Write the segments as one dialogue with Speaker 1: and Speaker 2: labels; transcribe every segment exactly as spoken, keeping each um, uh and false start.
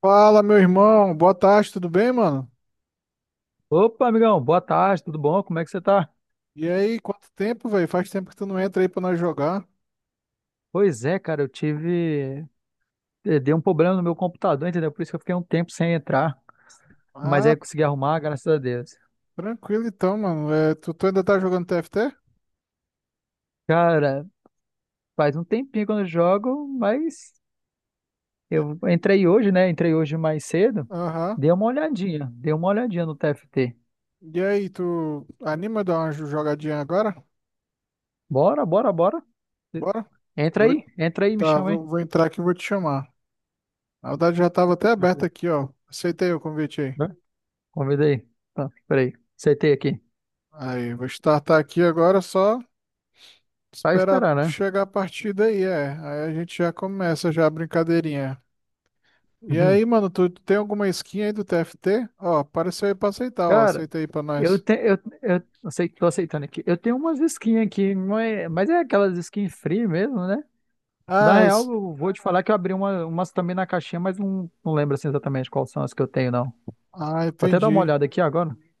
Speaker 1: Fala, meu irmão. Boa tarde, tudo bem, mano?
Speaker 2: Opa, amigão, boa tarde, tudo bom? Como é que você tá?
Speaker 1: E aí, quanto tempo, velho? Faz tempo que tu não entra aí pra nós jogar.
Speaker 2: Pois é, cara, eu tive. eh, Deu um problema no meu computador, entendeu? Por isso que eu fiquei um tempo sem entrar. Mas aí
Speaker 1: Ah,
Speaker 2: eu consegui arrumar, graças a Deus.
Speaker 1: tranquilo então, mano. É, tu, tu ainda tá jogando T F T?
Speaker 2: Cara, faz um tempinho que eu não jogo, mas
Speaker 1: É.
Speaker 2: eu entrei hoje, né? Entrei hoje mais cedo.
Speaker 1: Aham.
Speaker 2: Dei uma olhadinha, dei uma olhadinha no T F T.
Speaker 1: E aí, tu anima a dar uma jo- jogadinha agora?
Speaker 2: Bora, bora, bora.
Speaker 1: Bora?
Speaker 2: Entra
Speaker 1: Vou,
Speaker 2: aí, entra aí, me
Speaker 1: tá,
Speaker 2: chama aí.
Speaker 1: vou, vou entrar aqui e vou te chamar. Na verdade, já tava até
Speaker 2: Entra
Speaker 1: aberto
Speaker 2: aí.
Speaker 1: aqui, ó. Aceitei o convite aí.
Speaker 2: Vai. Convida aí. Tá, peraí. Aceitei aqui.
Speaker 1: Aí, vou startar aqui agora, só
Speaker 2: Vai
Speaker 1: esperar
Speaker 2: esperar, né?
Speaker 1: chegar a partida aí, é. Aí a gente já começa já a brincadeirinha. E aí,
Speaker 2: Uhum.
Speaker 1: mano, tu, tu tem alguma skin aí do T F T? Ó, apareceu aí pra aceitar, ó.
Speaker 2: Cara.
Speaker 1: Aceita aí pra
Speaker 2: Eu,
Speaker 1: nós.
Speaker 2: te, eu, eu eu sei que tô aceitando aqui. Eu tenho umas skins aqui, não é- mas é aquelas skins free mesmo, né? Na
Speaker 1: Ah,
Speaker 2: real,
Speaker 1: es-
Speaker 2: eu vou te falar que eu abri uma, umas também na caixinha, mas não, não lembro assim, exatamente quais são as que eu tenho, não.
Speaker 1: ah,
Speaker 2: Vou até dar uma
Speaker 1: entendi.
Speaker 2: olhada aqui agora. Deixa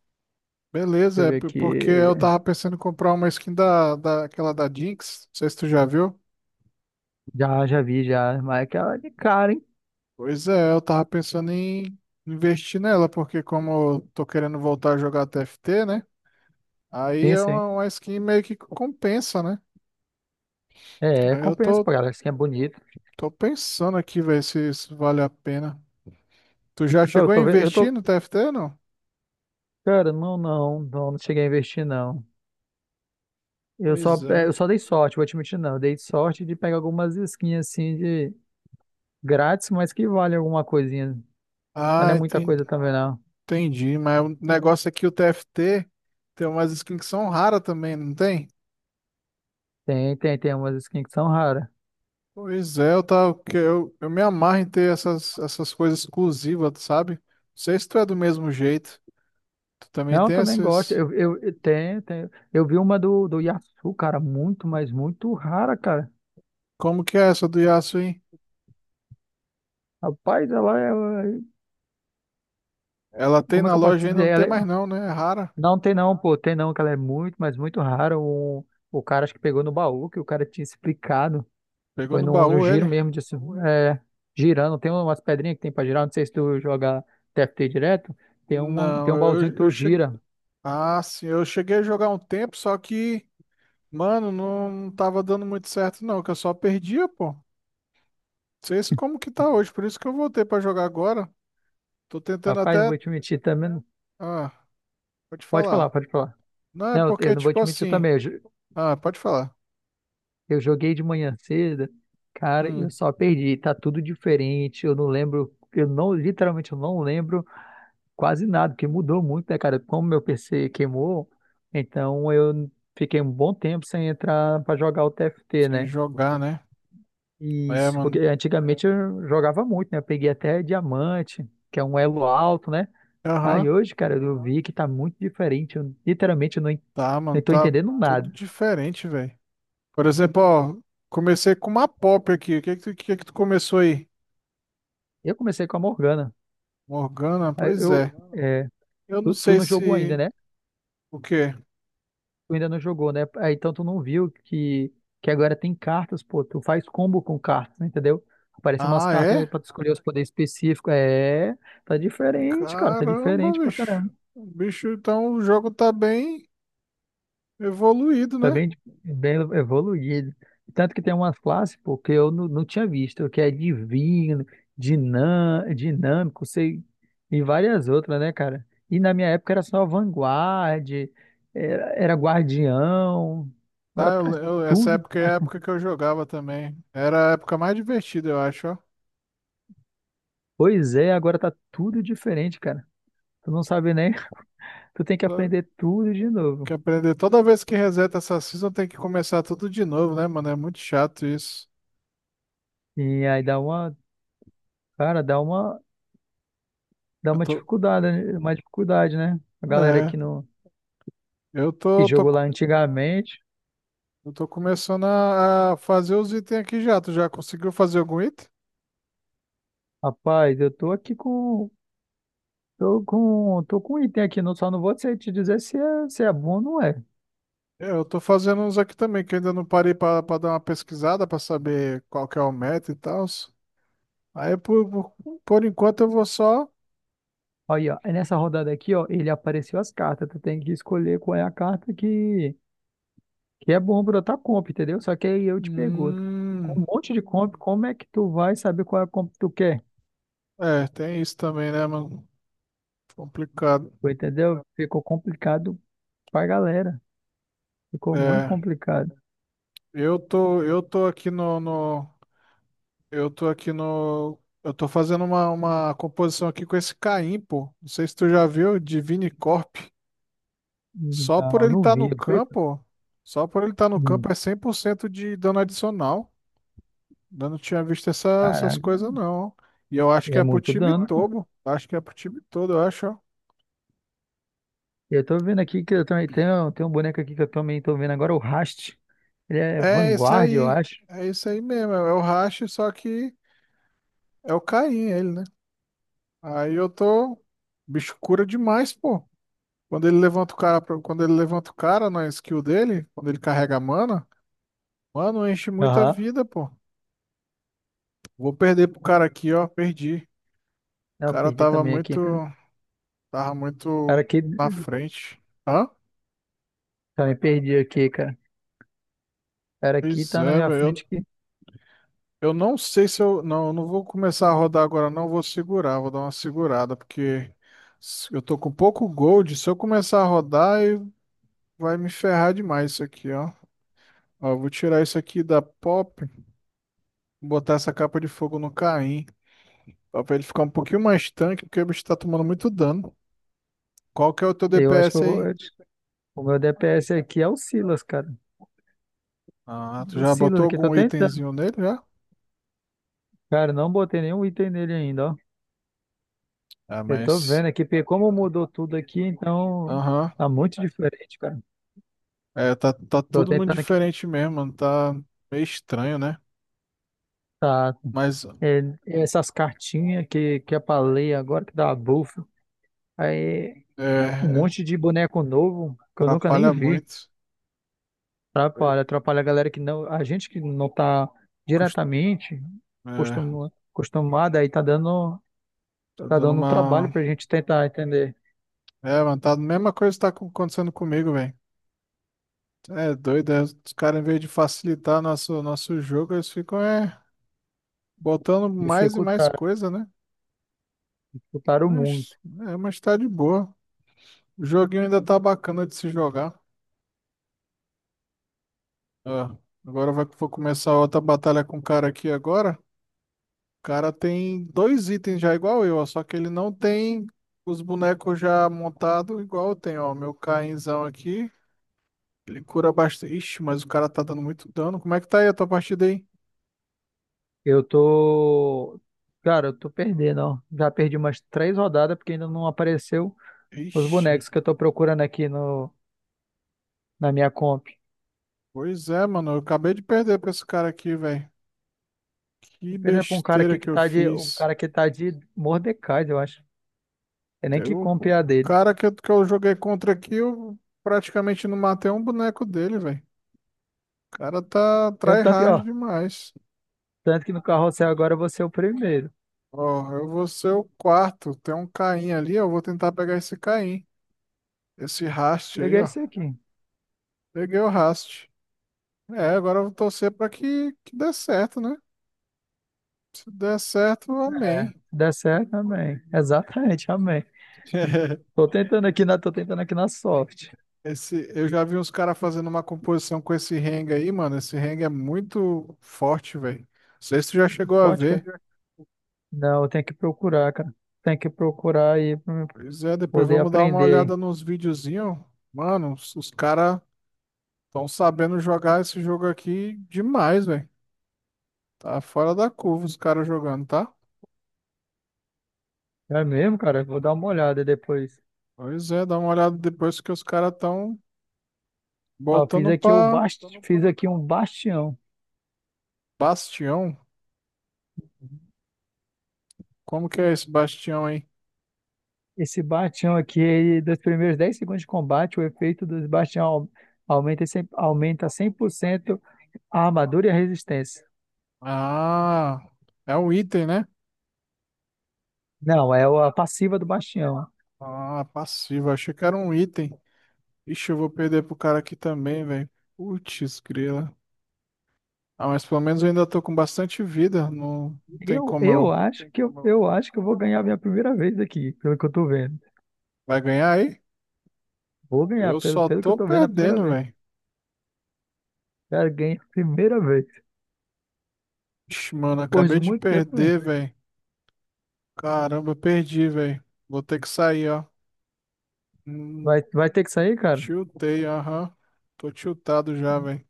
Speaker 2: eu
Speaker 1: Beleza, é
Speaker 2: ver
Speaker 1: p-
Speaker 2: aqui.
Speaker 1: porque eu tava pensando em comprar uma skin da, da, aquela da Jinx. Não sei se tu já viu.
Speaker 2: Já, já vi, já. Mas é aquela de cara, hein?
Speaker 1: Pois é, eu tava pensando em investir nela, porque como eu tô querendo voltar a jogar T F T, né? Aí
Speaker 2: Sim,
Speaker 1: é
Speaker 2: sim.
Speaker 1: uma, uma skin meio que compensa, né?
Speaker 2: É, é,
Speaker 1: Aí eu
Speaker 2: compensa,
Speaker 1: tô,
Speaker 2: pô, galera. Skin é bonito.
Speaker 1: tô pensando aqui, ver se isso vale a pena. Tu já
Speaker 2: Eu
Speaker 1: chegou a
Speaker 2: tô, ve- eu
Speaker 1: investir
Speaker 2: tô.
Speaker 1: no T F T, não?
Speaker 2: Cara, não, não, não, não cheguei a investir, não. Eu
Speaker 1: Pois
Speaker 2: só, é, eu
Speaker 1: é.
Speaker 2: só dei sorte, vou admitir, não. Eu dei sorte de pegar algumas skins assim de. Grátis, mas que vale alguma coisinha. Mas não
Speaker 1: Ah,
Speaker 2: é muita
Speaker 1: enten-
Speaker 2: coisa também, não.
Speaker 1: entendi. Mas o negócio é que o T F T tem umas skins que são raras também, não tem?
Speaker 2: Tem, tem, tem umas skins que são raras.
Speaker 1: Pois é, eu, tava, que eu, eu me amarro em ter essas, essas coisas exclusivas, tu sabe? Não sei se tu é do mesmo jeito. Tu também
Speaker 2: Não, eu
Speaker 1: tem
Speaker 2: também gosto.
Speaker 1: essas.
Speaker 2: Eu, eu, eu- tem, tem. Eu vi uma do, do Yasu, cara, muito, mas muito rara, cara.
Speaker 1: Como que é essa do Yasuo, hein?
Speaker 2: Rapaz, ela é.
Speaker 1: Ela tem
Speaker 2: Como é
Speaker 1: na
Speaker 2: que eu posso
Speaker 1: loja
Speaker 2: dizer?
Speaker 1: ainda, não
Speaker 2: Ela
Speaker 1: tem
Speaker 2: é-
Speaker 1: mais não, né? É rara.
Speaker 2: Não tem não, pô. Tem não, que ela é muito, mas muito rara. O, o cara acho que pegou no baú, que o cara tinha explicado.
Speaker 1: Pegou
Speaker 2: Foi
Speaker 1: no
Speaker 2: no, no
Speaker 1: baú
Speaker 2: giro
Speaker 1: ele?
Speaker 2: mesmo, de, se- é, girando. Tem umas pedrinhas que tem pra girar. Não sei se tu joga T F T direto. Tem um,
Speaker 1: Não,
Speaker 2: tem um baúzinho que
Speaker 1: eu, eu
Speaker 2: tu
Speaker 1: cheguei.
Speaker 2: gira.
Speaker 1: Ah, sim, eu cheguei a jogar um tempo, só que, mano, não, não tava dando muito certo, não, que eu só perdia, pô. Sei se como que tá hoje, por isso que eu voltei pra jogar agora. Tô tentando
Speaker 2: Rapaz, não
Speaker 1: até.
Speaker 2: vou te mentir também. não-
Speaker 1: Ah, pode
Speaker 2: Pode falar,
Speaker 1: falar.
Speaker 2: pode falar.
Speaker 1: Não, é
Speaker 2: Não, eu eu
Speaker 1: porque,
Speaker 2: não vou
Speaker 1: tipo
Speaker 2: te mentir
Speaker 1: assim.
Speaker 2: também. Eu, jo-
Speaker 1: Ah, pode falar.
Speaker 2: eu joguei de manhã cedo, cara,
Speaker 1: Hum,
Speaker 2: eu só perdi. Tá tudo diferente. Eu não lembro, eu não, literalmente, eu não lembro quase nada, porque mudou muito, né, cara? Como meu P C queimou, então eu fiquei um bom tempo sem entrar pra jogar o T F T,
Speaker 1: sem
Speaker 2: né?
Speaker 1: jogar, né? É,
Speaker 2: Isso, porque
Speaker 1: mano.
Speaker 2: antigamente eu jogava muito, né? Eu peguei até diamante, que é um elo alto, né? Aí
Speaker 1: Aham,
Speaker 2: hoje, cara, eu vi que tá muito diferente. Eu literalmente, eu não, en-
Speaker 1: tá,
Speaker 2: não
Speaker 1: mano.
Speaker 2: tô
Speaker 1: Tá
Speaker 2: entendendo
Speaker 1: tudo
Speaker 2: nada.
Speaker 1: diferente, velho. Por exemplo, ó, comecei com uma pop aqui. O que que tu, que que tu começou aí?
Speaker 2: Eu comecei com a Morgana.
Speaker 1: Morgana?
Speaker 2: Aí
Speaker 1: Pois
Speaker 2: eu,
Speaker 1: é.
Speaker 2: é,
Speaker 1: Eu não
Speaker 2: tu, tu
Speaker 1: sei
Speaker 2: não jogou ainda,
Speaker 1: se.
Speaker 2: né?
Speaker 1: O quê?
Speaker 2: Tu ainda não jogou, né? Aí, então tu não viu que, que, agora tem cartas, pô. Tu faz combo com cartas, né, entendeu? Aparecem umas
Speaker 1: Ah,
Speaker 2: cartas aí
Speaker 1: é?
Speaker 2: pra tu escolher os poderes específicos. É, tá diferente, cara. Tá
Speaker 1: Caramba,
Speaker 2: diferente pra
Speaker 1: bicho.
Speaker 2: caramba.
Speaker 1: O bicho, então o jogo tá bem evoluído,
Speaker 2: Foi
Speaker 1: né?
Speaker 2: bem, bem evoluído. Tanto que tem umas classes, pô, que eu não, não tinha visto, que é divino, dinam, dinâmico, sei, e várias outras, né, cara? E na minha época era só vanguarda, era, era guardião,
Speaker 1: Ah,
Speaker 2: agora tá
Speaker 1: eu, eu- essa
Speaker 2: tudo,
Speaker 1: época é
Speaker 2: mas,
Speaker 1: a época que eu jogava também. Era a época mais divertida, eu acho, ó.
Speaker 2: pois é, agora tá tudo diferente, cara. Tu não sabe nem, tu tem que
Speaker 1: Tô-
Speaker 2: aprender tudo de
Speaker 1: Que
Speaker 2: novo.
Speaker 1: aprender. Toda vez que reseta essa season tem que começar tudo de novo, né, mano? É muito chato isso.
Speaker 2: E aí dá uma, cara, dá uma, dá
Speaker 1: Eu
Speaker 2: uma
Speaker 1: tô.
Speaker 2: dificuldade, né? Uma dificuldade, né? A galera
Speaker 1: É.
Speaker 2: que não
Speaker 1: Eu
Speaker 2: que
Speaker 1: tô, tô,
Speaker 2: jogou lá
Speaker 1: co-
Speaker 2: antigamente.
Speaker 1: eu tô começando a, a fazer os itens aqui já. Tu já conseguiu fazer algum item?
Speaker 2: Rapaz, eu tô aqui com. Tô com, tô com um item aqui, não, só não vou te te dizer se é, se é bom ou não é.
Speaker 1: É, eu tô fazendo uns aqui também, que eu ainda não parei pra, pra dar uma pesquisada pra saber qual que é o meta e tal. Aí, por, por, por enquanto, eu vou só.
Speaker 2: Aí, ó, é nessa rodada aqui, ó, ele apareceu as cartas. Tu tem que escolher qual é a carta que, que é bom pra tua comp, entendeu? Só que aí eu te pergunto, com um
Speaker 1: Hum,
Speaker 2: monte de comp, como é que tu vai saber qual é a comp que tu quer?
Speaker 1: é, tem isso também, né, mano? Complicado.
Speaker 2: Tu entendeu? Ficou complicado pra galera. Ficou muito
Speaker 1: É,
Speaker 2: complicado.
Speaker 1: eu tô, eu tô aqui no, no- eu tô aqui no, eu tô fazendo uma, uma composição aqui com esse Caim, pô. Não sei se tu já viu, Divine corp. Só por
Speaker 2: Não,
Speaker 1: ele
Speaker 2: não
Speaker 1: estar no
Speaker 2: vi.
Speaker 1: campo, só por ele estar no
Speaker 2: Hum.
Speaker 1: campo é cem por cento de dano adicional. Eu não tinha visto essa- essas
Speaker 2: Caraca,
Speaker 1: coisas não. E eu acho que
Speaker 2: é
Speaker 1: é pro
Speaker 2: muito
Speaker 1: time
Speaker 2: dano.
Speaker 1: todo, acho que é pro time todo, eu acho, ó.
Speaker 2: E eu tô vendo aqui que eu também tenho, tem um boneco aqui que eu também tô vendo agora, o Rast. Ele é
Speaker 1: É isso
Speaker 2: Vanguard, eu
Speaker 1: aí.
Speaker 2: acho.
Speaker 1: É isso aí mesmo, é o Rache, só que é o Caim, ele né? Aí eu tô. O bicho cura demais, pô. Quando ele levanta o cara, pra- quando ele levanta o cara na skill dele, quando ele carrega a mana, mano, enche muita
Speaker 2: Aham.
Speaker 1: vida, pô. Vou perder pro cara aqui, ó. Perdi.
Speaker 2: Ah,
Speaker 1: O
Speaker 2: eu
Speaker 1: cara
Speaker 2: perdi
Speaker 1: tava
Speaker 2: também
Speaker 1: muito.
Speaker 2: aqui, cara.
Speaker 1: Tava
Speaker 2: Cara,
Speaker 1: muito
Speaker 2: aqui,
Speaker 1: na frente. Hã?
Speaker 2: também perdi aqui, cara. Cara, aqui
Speaker 1: Pois
Speaker 2: tá na
Speaker 1: é,
Speaker 2: minha frente
Speaker 1: velho.
Speaker 2: aqui.
Speaker 1: Eu, eu não sei se eu. Não, eu não vou começar a rodar agora, não. Vou segurar, vou dar uma segurada, porque se- eu tô com pouco gold. Se eu começar a rodar, eu- vai me ferrar demais isso aqui, ó. Ó, eu vou tirar isso aqui da pop, botar essa capa de fogo no Caim, ó, pra ele ficar um pouquinho mais tanque, porque o bicho tá tomando muito dano. Qual que é o teu
Speaker 2: eu acho que eu
Speaker 1: D P S
Speaker 2: vou- eu
Speaker 1: aí?
Speaker 2: acho que o meu D P S aqui é o Silas, cara.
Speaker 1: Ah,
Speaker 2: É
Speaker 1: tu
Speaker 2: o
Speaker 1: já
Speaker 2: Silas
Speaker 1: botou
Speaker 2: aqui, tô
Speaker 1: algum
Speaker 2: tentando.
Speaker 1: itemzinho nele já?
Speaker 2: Cara, não botei nenhum item nele ainda, ó.
Speaker 1: Ah,
Speaker 2: Eu tô
Speaker 1: mas.
Speaker 2: vendo aqui, porque como mudou tudo aqui, então
Speaker 1: Aham.
Speaker 2: tá muito diferente, cara.
Speaker 1: É, tá, tá
Speaker 2: Tô
Speaker 1: tudo muito
Speaker 2: tentando aqui.
Speaker 1: diferente mesmo, mano. Tá meio estranho, né?
Speaker 2: Tá.
Speaker 1: Mas
Speaker 2: É, essas cartinhas que, que eu falei agora, que dá a bufa. Aí, um
Speaker 1: é,
Speaker 2: monte de boneco novo que eu nunca nem
Speaker 1: atrapalha
Speaker 2: vi.
Speaker 1: muito. Oi?
Speaker 2: Atrapalha, atrapalha a galera que não. A gente que não tá
Speaker 1: Cust-
Speaker 2: diretamente
Speaker 1: É,
Speaker 2: costuma, acostumada aí tá dando,
Speaker 1: tá
Speaker 2: tá
Speaker 1: dando
Speaker 2: dando um trabalho
Speaker 1: uma.
Speaker 2: pra gente tentar entender.
Speaker 1: É, mano, tá a mesma coisa que tá co- acontecendo comigo, velho. É doido, é, os caras, em vez de facilitar nosso, nosso jogo, eles ficam é, botando mais e mais
Speaker 2: Dificultar,
Speaker 1: coisa, né?
Speaker 2: dificultaram muito.
Speaker 1: Mas, é, mas tá de boa. O joguinho ainda tá bacana de se jogar. Ó, agora vai, vou começar outra batalha com o cara aqui agora. O cara tem dois itens já igual eu, ó, só que ele não tem os bonecos já montados igual eu tenho, ó. Meu Cainzão aqui, ele cura bastante. Ixi, mas o cara tá dando muito dano. Como é que tá aí a tua partida aí?
Speaker 2: Eu tô. Cara, eu tô perdendo, ó. Já perdi umas três rodadas porque ainda não apareceu os
Speaker 1: Ixi.
Speaker 2: bonecos que eu tô procurando aqui no, na minha comp.
Speaker 1: Pois é, mano. Eu acabei de perder pra esse cara aqui, velho. Que
Speaker 2: Pena pra um cara
Speaker 1: besteira
Speaker 2: aqui que
Speaker 1: que eu
Speaker 2: tá de. o
Speaker 1: fiz.
Speaker 2: cara que tá de Mordecai, eu acho. É nem
Speaker 1: Teve
Speaker 2: que
Speaker 1: um
Speaker 2: compre a dele.
Speaker 1: cara que eu, que eu joguei contra aqui, eu praticamente não matei um boneco dele, velho. O cara tá
Speaker 2: Eu tanto, que,
Speaker 1: tryhard
Speaker 2: ó,
Speaker 1: demais.
Speaker 2: tanto que no carrossel agora eu vou ser o primeiro.
Speaker 1: Ó, eu vou ser o quarto. Tem um Caim ali, eu vou tentar pegar esse Caim. Esse Rast aí,
Speaker 2: Peguei
Speaker 1: ó.
Speaker 2: esse aqui.
Speaker 1: Peguei o Rast. É, agora eu vou torcer pra que, que dê certo, né? Se der certo,
Speaker 2: É, se
Speaker 1: amém.
Speaker 2: der certo, amém. Exatamente, amém. Tô tentando aqui na, tô tentando aqui na sorte.
Speaker 1: Esse, eu já vi uns caras fazendo uma composição com esse Hang aí, mano. Esse Hang é muito forte, velho. Não sei se tu já chegou a
Speaker 2: Pode,
Speaker 1: ver.
Speaker 2: cara? Não, eu tenho que procurar, cara. Tem que procurar aí pra eu
Speaker 1: Pois é, depois
Speaker 2: poder
Speaker 1: vamos dar uma
Speaker 2: aprender,
Speaker 1: olhada
Speaker 2: hein?
Speaker 1: nos videozinhos. Mano, os, os caras estão sabendo jogar esse jogo aqui demais, velho. Tá fora da curva os caras jogando, tá?
Speaker 2: É mesmo, cara? Vou dar uma olhada depois.
Speaker 1: Pois é, dá uma olhada depois que os caras estão
Speaker 2: Ó, fiz
Speaker 1: botando
Speaker 2: aqui o
Speaker 1: pra
Speaker 2: bast... fiz aqui um bastião.
Speaker 1: Bastião. Como que é esse Bastião aí?
Speaker 2: Esse Bastião aqui, ele, dos primeiros dez segundos de combate, o efeito do Bastião au- aumenta, em cem por cento a armadura e a resistência.
Speaker 1: Ah, é um item, né?
Speaker 2: Não, é o- a passiva do Bastião.
Speaker 1: Ah, passivo. Achei que era um item. Ixi, eu vou perder pro cara aqui também, velho. Putz, grila. Ah, mas pelo menos eu ainda tô com bastante vida. Não, não tem
Speaker 2: Eu,
Speaker 1: como
Speaker 2: eu
Speaker 1: eu.
Speaker 2: acho que eu, eu acho que eu vou ganhar a minha primeira vez aqui, pelo que eu tô vendo.
Speaker 1: Vai ganhar aí?
Speaker 2: Vou ganhar,
Speaker 1: Eu
Speaker 2: pelo,
Speaker 1: só
Speaker 2: pelo que eu
Speaker 1: tô
Speaker 2: tô vendo, a primeira
Speaker 1: perdendo,
Speaker 2: vez.
Speaker 1: velho.
Speaker 2: Cara, ganhei a primeira vez.
Speaker 1: Ixi, mano,
Speaker 2: Depois
Speaker 1: acabei
Speaker 2: de
Speaker 1: de
Speaker 2: muito tempo, né?
Speaker 1: perder, velho. Caramba, perdi, velho. Vou ter que sair, ó. Hum,
Speaker 2: vai, vai ter que sair, cara?
Speaker 1: tiltei, aham. Tô tiltado já, velho.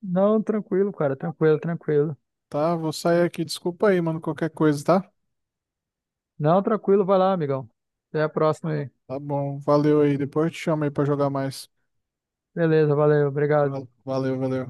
Speaker 2: Não, tranquilo, cara, tranquilo, tranquilo.
Speaker 1: Tá, vou sair aqui. Desculpa aí, mano, qualquer coisa, tá?
Speaker 2: Não, tranquilo, vai lá, amigão. Até a próxima aí.
Speaker 1: Tá bom, valeu aí. Depois eu te chamo aí pra jogar mais.
Speaker 2: Beleza, valeu, obrigado.
Speaker 1: Valeu, valeu.